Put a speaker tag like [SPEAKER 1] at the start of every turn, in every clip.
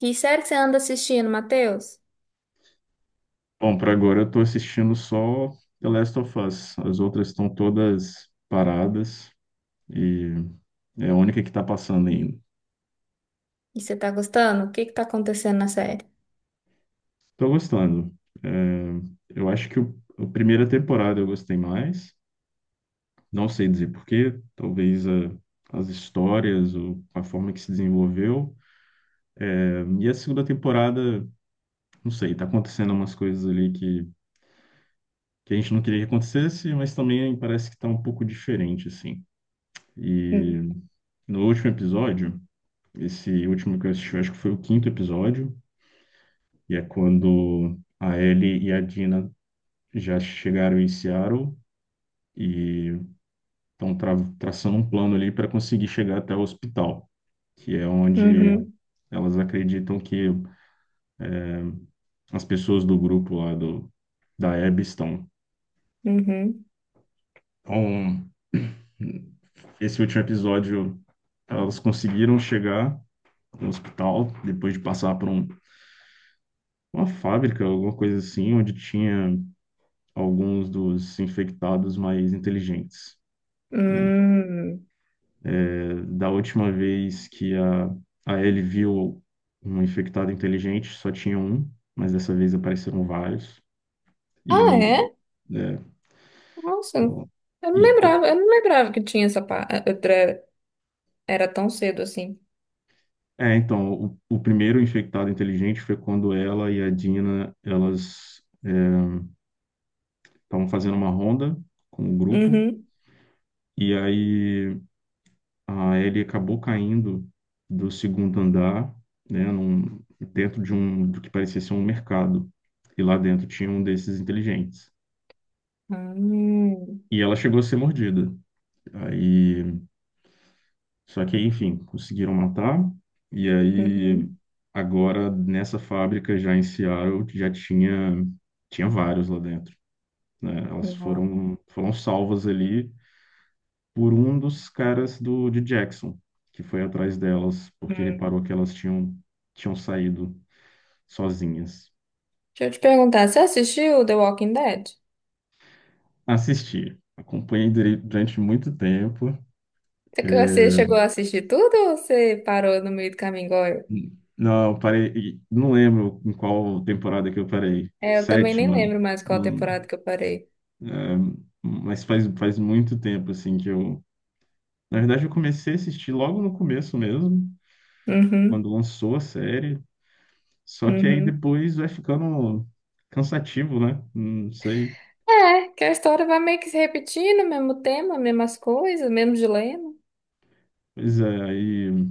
[SPEAKER 1] Que série que você anda assistindo, Matheus?
[SPEAKER 2] Bom, para agora eu tô assistindo só The Last of Us. As outras estão todas paradas e é a única que tá passando ainda.
[SPEAKER 1] E você tá gostando? O que que tá acontecendo na série?
[SPEAKER 2] Tô gostando. É, eu acho que a primeira temporada eu gostei mais. Não sei dizer porquê. As histórias ou a forma que se desenvolveu. É, e a segunda temporada, não sei, tá acontecendo umas coisas ali que a gente não queria que acontecesse, mas também parece que tá um pouco diferente, assim.
[SPEAKER 1] Hum.
[SPEAKER 2] E no último episódio. Esse último que eu assisti, eu acho que foi o quinto episódio, e é quando a Ellie e a Dina já chegaram em Seattle e estão traçando um plano ali para conseguir chegar até o hospital, que é onde
[SPEAKER 1] Uhum,
[SPEAKER 2] elas acreditam que as pessoas do grupo da Abby estão.
[SPEAKER 1] uhum,
[SPEAKER 2] Então, esse último episódio, elas conseguiram chegar no hospital depois de passar por uma fábrica, alguma coisa assim, onde tinha alguns dos infectados mais inteligentes, né?
[SPEAKER 1] hum.
[SPEAKER 2] Da última vez que a Ellie viu um infectado inteligente, só tinha um, mas dessa vez apareceram vários.
[SPEAKER 1] Ah,
[SPEAKER 2] E,
[SPEAKER 1] é?
[SPEAKER 2] é,
[SPEAKER 1] Nossa, eu não
[SPEAKER 2] e co-
[SPEAKER 1] lembrava, que tinha essa Era tão cedo assim.
[SPEAKER 2] é, então, o primeiro infectado inteligente foi quando ela e a Dina, elas estavam fazendo uma ronda com o grupo,
[SPEAKER 1] Uhum.
[SPEAKER 2] e aí ah, ele acabou caindo do segundo andar, né, dentro de um do que parecia ser um mercado. E lá dentro tinha um desses inteligentes.
[SPEAKER 1] Hum,
[SPEAKER 2] E ela chegou a ser mordida. Aí, só que, enfim, conseguiram matar. E aí,
[SPEAKER 1] uhum.
[SPEAKER 2] agora nessa fábrica já em Seattle já tinha tinha vários lá dentro, né? Elas
[SPEAKER 1] Nossa.
[SPEAKER 2] foram salvas ali por um dos caras de Jackson, que foi atrás delas, porque
[SPEAKER 1] Hum.
[SPEAKER 2] reparou que elas tinham saído sozinhas.
[SPEAKER 1] Deixa eu te perguntar, você assistiu The Walking Dead?
[SPEAKER 2] Assisti, acompanhei durante muito tempo.
[SPEAKER 1] É que você chegou a assistir tudo ou você parou no meio do caminho igual eu?
[SPEAKER 2] Não, eu parei, e não lembro em qual temporada que eu parei.
[SPEAKER 1] É, eu também nem
[SPEAKER 2] Sétima,
[SPEAKER 1] lembro mais qual
[SPEAKER 2] não,
[SPEAKER 1] temporada que eu parei.
[SPEAKER 2] mas faz muito tempo assim que eu. Na verdade, eu comecei a assistir logo no começo mesmo, quando
[SPEAKER 1] Uhum,
[SPEAKER 2] lançou a série. Só que aí
[SPEAKER 1] uhum.
[SPEAKER 2] depois vai ficando cansativo, né? Não sei.
[SPEAKER 1] É, que a história vai meio que se repetindo, mesmo tema, mesmas coisas, mesmo dilema.
[SPEAKER 2] Pois é, aí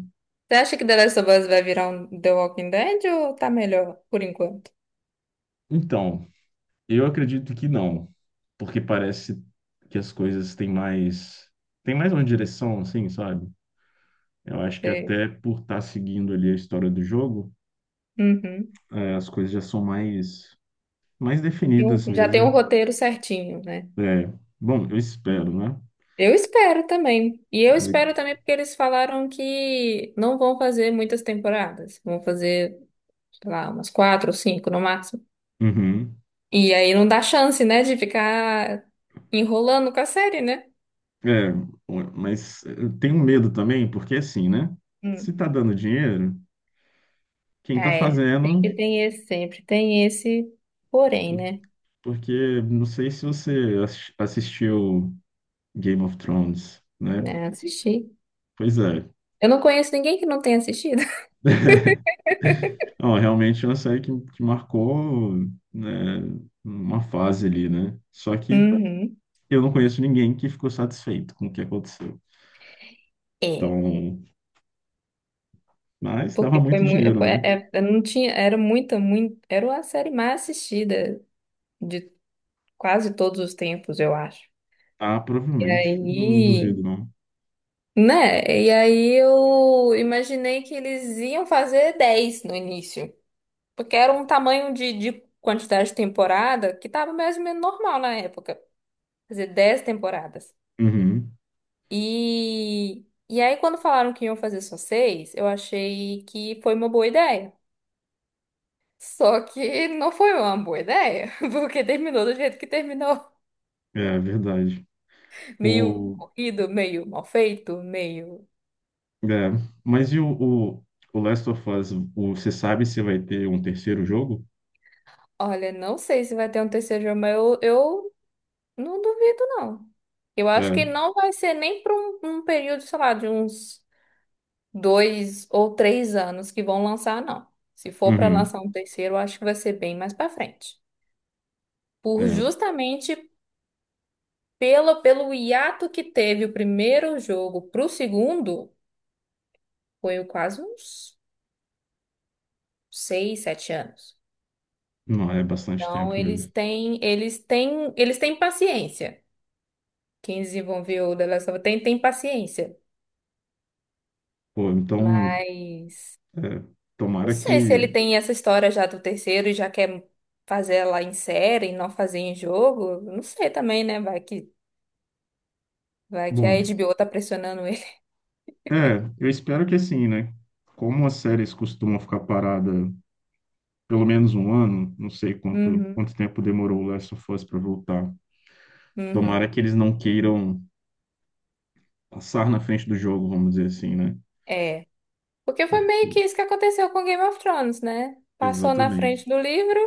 [SPEAKER 1] Você acha que The Last of Us vai virar um The Walking Dead ou tá melhor por enquanto?
[SPEAKER 2] então, eu acredito que não, porque parece que as coisas têm mais uma direção, assim, sabe? Eu acho que
[SPEAKER 1] Você-
[SPEAKER 2] até por estar seguindo ali a história do jogo,
[SPEAKER 1] Uhum.
[SPEAKER 2] eh, as coisas já são mais definidas
[SPEAKER 1] Já tem um
[SPEAKER 2] mesmo.
[SPEAKER 1] roteiro certinho, né?
[SPEAKER 2] É, bom, eu espero, né?
[SPEAKER 1] Eu espero também. E eu
[SPEAKER 2] Eu-
[SPEAKER 1] espero também porque eles falaram que não vão fazer muitas temporadas. Vão fazer, sei lá, umas quatro ou cinco no máximo.
[SPEAKER 2] Uhum.
[SPEAKER 1] E aí não dá chance, né, de ficar enrolando com a série, né?
[SPEAKER 2] É, mas eu tenho medo também, porque assim, né? Se tá dando dinheiro, quem tá
[SPEAKER 1] É,
[SPEAKER 2] fazendo?
[SPEAKER 1] sempre tem esse porém, né?
[SPEAKER 2] Porque não sei se você assistiu Game of Thrones, né?
[SPEAKER 1] Né, assistir.
[SPEAKER 2] Pois é,
[SPEAKER 1] Eu não conheço ninguém que não tenha assistido.
[SPEAKER 2] não, é realmente é uma série que marcou, né, uma fase ali, né? Só que
[SPEAKER 1] Uhum.
[SPEAKER 2] eu não conheço ninguém que ficou satisfeito com o que aconteceu.
[SPEAKER 1] É.
[SPEAKER 2] Então, mas dava
[SPEAKER 1] Porque foi
[SPEAKER 2] muito
[SPEAKER 1] muito.
[SPEAKER 2] dinheiro,
[SPEAKER 1] Foi,
[SPEAKER 2] né?
[SPEAKER 1] não tinha, era muito. Era a série mais assistida de quase todos os tempos, eu acho.
[SPEAKER 2] Ah,
[SPEAKER 1] E
[SPEAKER 2] provavelmente, não duvido,
[SPEAKER 1] aí.
[SPEAKER 2] não.
[SPEAKER 1] Né? E aí eu imaginei que eles iam fazer 10 no início. Porque era um tamanho de quantidade de temporada que estava mais ou menos normal na época. Fazer 10 temporadas.
[SPEAKER 2] Uhum,
[SPEAKER 1] E, e aí, quando falaram que iam fazer só seis, eu achei que foi uma boa ideia. Só que não foi uma boa ideia, porque terminou do jeito que terminou.
[SPEAKER 2] é verdade.
[SPEAKER 1] Meio
[SPEAKER 2] O,
[SPEAKER 1] corrido, meio mal feito, meio.
[SPEAKER 2] é, mas o, o Last of Us, o, você sabe se vai ter um terceiro jogo?
[SPEAKER 1] Olha, não sei se vai ter um terceiro jogo, mas eu não duvido, não. Eu acho
[SPEAKER 2] É,
[SPEAKER 1] que não vai ser nem para um período, sei lá, de uns dois ou três anos que vão lançar, não. Se for para
[SPEAKER 2] uhum,
[SPEAKER 1] lançar um terceiro, eu acho que vai ser bem mais para frente por
[SPEAKER 2] é,
[SPEAKER 1] justamente pelo hiato que teve o primeiro jogo pro segundo, foi quase uns seis, sete anos.
[SPEAKER 2] não, é bastante
[SPEAKER 1] Então
[SPEAKER 2] tempo mesmo.
[SPEAKER 1] eles têm paciência. Quem desenvolveu o The Last of Us tem paciência.
[SPEAKER 2] Pô, então,
[SPEAKER 1] Mas
[SPEAKER 2] é,
[SPEAKER 1] não
[SPEAKER 2] tomara
[SPEAKER 1] sei se ele
[SPEAKER 2] que.
[SPEAKER 1] tem essa história já do terceiro e já quer fazer ela em série e não fazer em jogo. Não sei também, né? Vai que a
[SPEAKER 2] Bom,
[SPEAKER 1] HBO tá pressionando ele.
[SPEAKER 2] é, eu espero que assim, né? Como as séries costumam ficar parada pelo menos um ano, não sei
[SPEAKER 1] Uhum,
[SPEAKER 2] quanto tempo demorou o Last of Us para voltar. Tomara
[SPEAKER 1] uhum.
[SPEAKER 2] que eles não queiram passar na frente do jogo, vamos dizer assim, né?
[SPEAKER 1] É. Porque foi
[SPEAKER 2] Porque,
[SPEAKER 1] meio que isso que aconteceu com Game of Thrones, né? Passou na frente
[SPEAKER 2] exatamente,
[SPEAKER 1] do livro,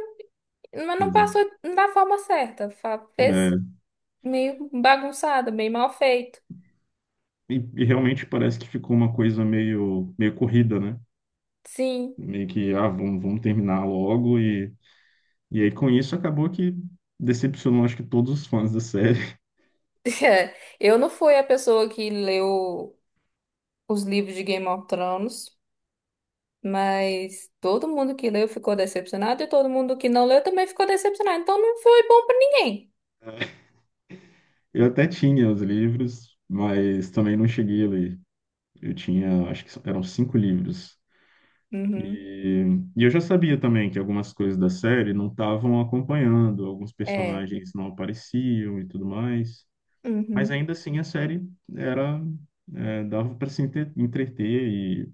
[SPEAKER 1] mas não
[SPEAKER 2] exato.
[SPEAKER 1] passou da forma certa. Fez
[SPEAKER 2] É,
[SPEAKER 1] meio bagunçado, meio mal feito.
[SPEAKER 2] e realmente parece que ficou uma coisa meio corrida, né?
[SPEAKER 1] Sim.
[SPEAKER 2] Meio que, ah, vamos terminar logo. E aí com isso acabou que decepcionou, acho que todos os fãs da série.
[SPEAKER 1] Eu não fui a pessoa que leu os livros de Game of Thrones, mas todo mundo que leu ficou decepcionado e todo mundo que não leu também ficou decepcionado. Então não foi bom pra ninguém.
[SPEAKER 2] Eu até tinha os livros, mas também não cheguei a ler. Eu tinha, acho que eram 5 livros.
[SPEAKER 1] Uhum.
[SPEAKER 2] E, e eu já sabia também que algumas coisas da série não estavam acompanhando, alguns
[SPEAKER 1] É.
[SPEAKER 2] personagens não apareciam e tudo mais. Mas
[SPEAKER 1] Uhum.
[SPEAKER 2] ainda assim a série era, é, dava para se entreter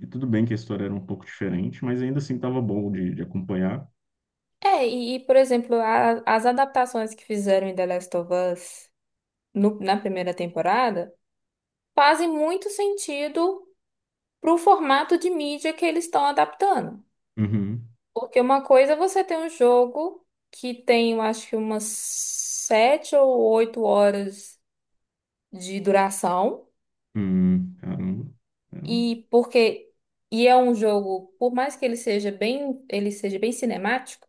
[SPEAKER 2] e tudo bem que a história era um pouco diferente, mas ainda assim estava bom de acompanhar.
[SPEAKER 1] É, por exemplo, as adaptações que fizeram em The Last of Us na primeira temporada fazem muito sentido pro formato de mídia que eles estão adaptando.
[SPEAKER 2] Uhum,
[SPEAKER 1] Porque uma coisa é você ter um jogo que tem, eu acho que umas sete ou oito horas de duração,
[SPEAKER 2] uhum, caramba. É,
[SPEAKER 1] e porque e é um jogo, por mais que ele seja bem cinemático,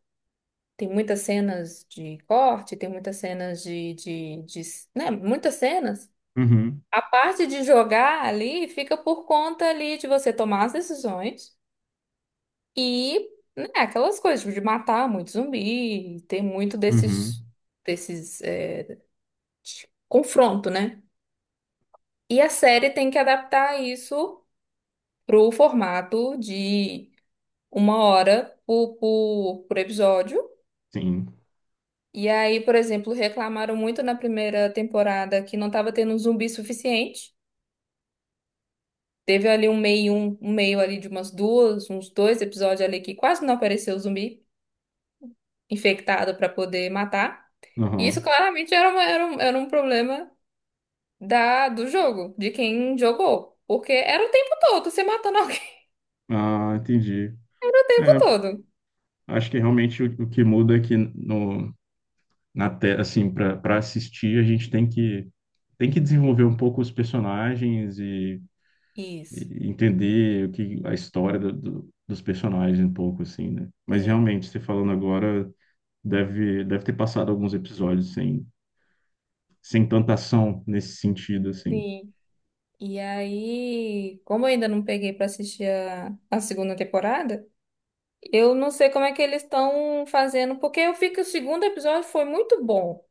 [SPEAKER 1] tem muitas cenas de corte, tem muitas cenas né, muitas cenas.
[SPEAKER 2] uhum,
[SPEAKER 1] A parte de jogar ali fica por conta ali de você tomar as decisões e, né, aquelas coisas tipo, de matar muito zumbi, tem muito
[SPEAKER 2] uhum,
[SPEAKER 1] desses, desses é, de confronto, né? E a série tem que adaptar isso pro formato de uma hora por episódio.
[SPEAKER 2] sim.
[SPEAKER 1] E aí, por exemplo, reclamaram muito na primeira temporada que não estava tendo zumbi suficiente. Teve ali um meio ali de umas duas, uns dois episódios ali que quase não apareceu zumbi infectado para poder matar. E isso
[SPEAKER 2] Aham.
[SPEAKER 1] claramente era era um problema do jogo, de quem jogou. Porque era o tempo todo, você matando alguém
[SPEAKER 2] Ah, entendi.
[SPEAKER 1] o tempo
[SPEAKER 2] É,
[SPEAKER 1] todo.
[SPEAKER 2] acho que realmente o que muda é que no, na te, assim, para assistir, a gente tem que desenvolver um pouco os personagens
[SPEAKER 1] Isso.
[SPEAKER 2] e entender o que a história dos personagens um pouco assim, né? Mas
[SPEAKER 1] É,
[SPEAKER 2] realmente, você falando agora, deve ter passado alguns episódios sem tanta ação nesse sentido assim.
[SPEAKER 1] sim. E aí, como eu ainda não peguei pra assistir a segunda temporada, eu não sei como é que eles estão fazendo, porque eu vi que o segundo episódio foi muito bom.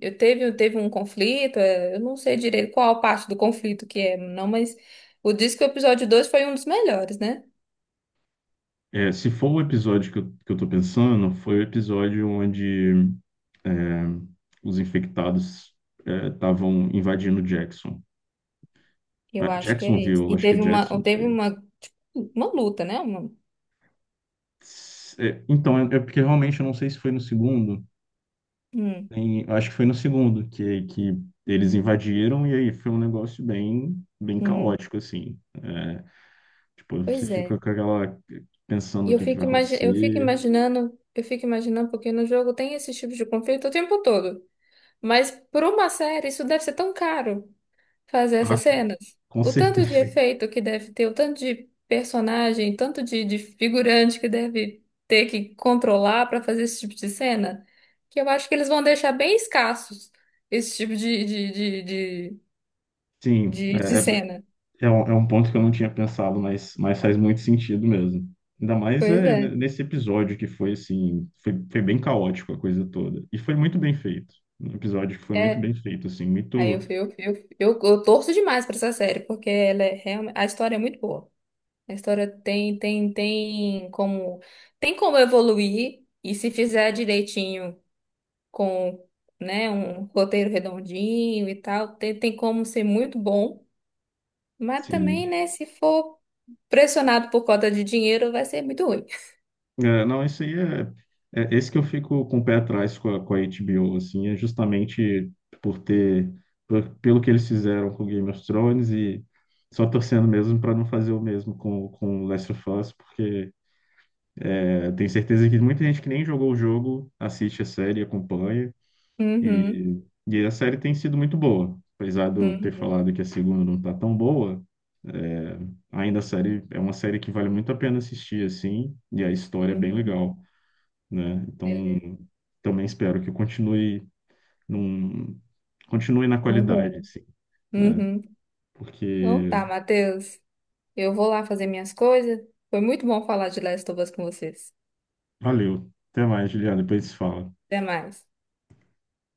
[SPEAKER 1] Teve um conflito, é, eu não sei direito qual parte do conflito que é, não, mas o diz que o episódio 2 foi um dos melhores, né?
[SPEAKER 2] É, se for o episódio que que eu tô pensando, foi o episódio onde é, os infectados é, estavam invadindo Jackson. Ah,
[SPEAKER 1] Eu acho que é esse.
[SPEAKER 2] Jacksonville, eu
[SPEAKER 1] E
[SPEAKER 2] acho que é Jackson, não
[SPEAKER 1] teve
[SPEAKER 2] sei.
[SPEAKER 1] uma luta, né? Uma,
[SPEAKER 2] É, então, é, é porque realmente eu não sei se foi no segundo.
[SPEAKER 1] hum,
[SPEAKER 2] Eu acho que foi no segundo que eles invadiram e aí foi um negócio bem
[SPEAKER 1] hum.
[SPEAKER 2] caótico, assim. É, tipo, você
[SPEAKER 1] Pois é.
[SPEAKER 2] fica com aquela...
[SPEAKER 1] E
[SPEAKER 2] pensando o que que vai acontecer.
[SPEAKER 1] eu fico imaginando, porque no jogo tem esse tipo de conflito o tempo todo. Mas por uma série, isso deve ser tão caro. Fazer
[SPEAKER 2] Ah,
[SPEAKER 1] essas cenas.
[SPEAKER 2] com
[SPEAKER 1] O tanto de
[SPEAKER 2] certeza.
[SPEAKER 1] efeito que deve ter, o tanto de personagem, tanto de figurante que deve ter que controlar para fazer esse tipo de cena, que eu acho que eles vão deixar bem escassos esse tipo
[SPEAKER 2] Sim,
[SPEAKER 1] de
[SPEAKER 2] é
[SPEAKER 1] cena.
[SPEAKER 2] é um, é um ponto que eu não tinha pensado, mas faz muito sentido mesmo. Ainda mais
[SPEAKER 1] Pois
[SPEAKER 2] é,
[SPEAKER 1] é.
[SPEAKER 2] nesse episódio que foi assim, foi bem caótico a coisa toda. E foi muito bem feito. Um episódio que foi muito
[SPEAKER 1] É.
[SPEAKER 2] bem feito, assim,
[SPEAKER 1] Aí
[SPEAKER 2] muito,
[SPEAKER 1] eu torço demais para essa série, porque ela é realmente, a história é muito boa. A história tem como evoluir, e se fizer direitinho. Com, né, um roteiro redondinho e tal, tem, tem como ser muito bom, mas também,
[SPEAKER 2] sim.
[SPEAKER 1] né, se for pressionado por conta de dinheiro, vai ser muito ruim.
[SPEAKER 2] É, não, isso aí é, é esse que eu fico com o pé atrás com a HBO, assim, é justamente por ter, pelo que eles fizeram com Game of Thrones e só torcendo mesmo para não fazer o mesmo com Last of Us, porque eu tenho certeza que muita gente que nem jogou o jogo assiste a série, acompanha,
[SPEAKER 1] Uhum,
[SPEAKER 2] e a série tem sido muito boa. Apesar de eu ter
[SPEAKER 1] uhum,
[SPEAKER 2] falado que a segunda não tá tão boa, é, ainda a série é uma série que vale muito a pena assistir, assim, e a história é bem
[SPEAKER 1] uhum.
[SPEAKER 2] legal, né? Então,
[SPEAKER 1] Beleza.
[SPEAKER 2] também espero que continue num, continue na qualidade,
[SPEAKER 1] Uhum.
[SPEAKER 2] assim, né?
[SPEAKER 1] Uhum. Então
[SPEAKER 2] Porque
[SPEAKER 1] tá, Matheus. Eu vou lá fazer minhas coisas. Foi muito bom falar de Last of Us com vocês.
[SPEAKER 2] valeu. Até mais, Juliana, depois se fala.
[SPEAKER 1] Até mais.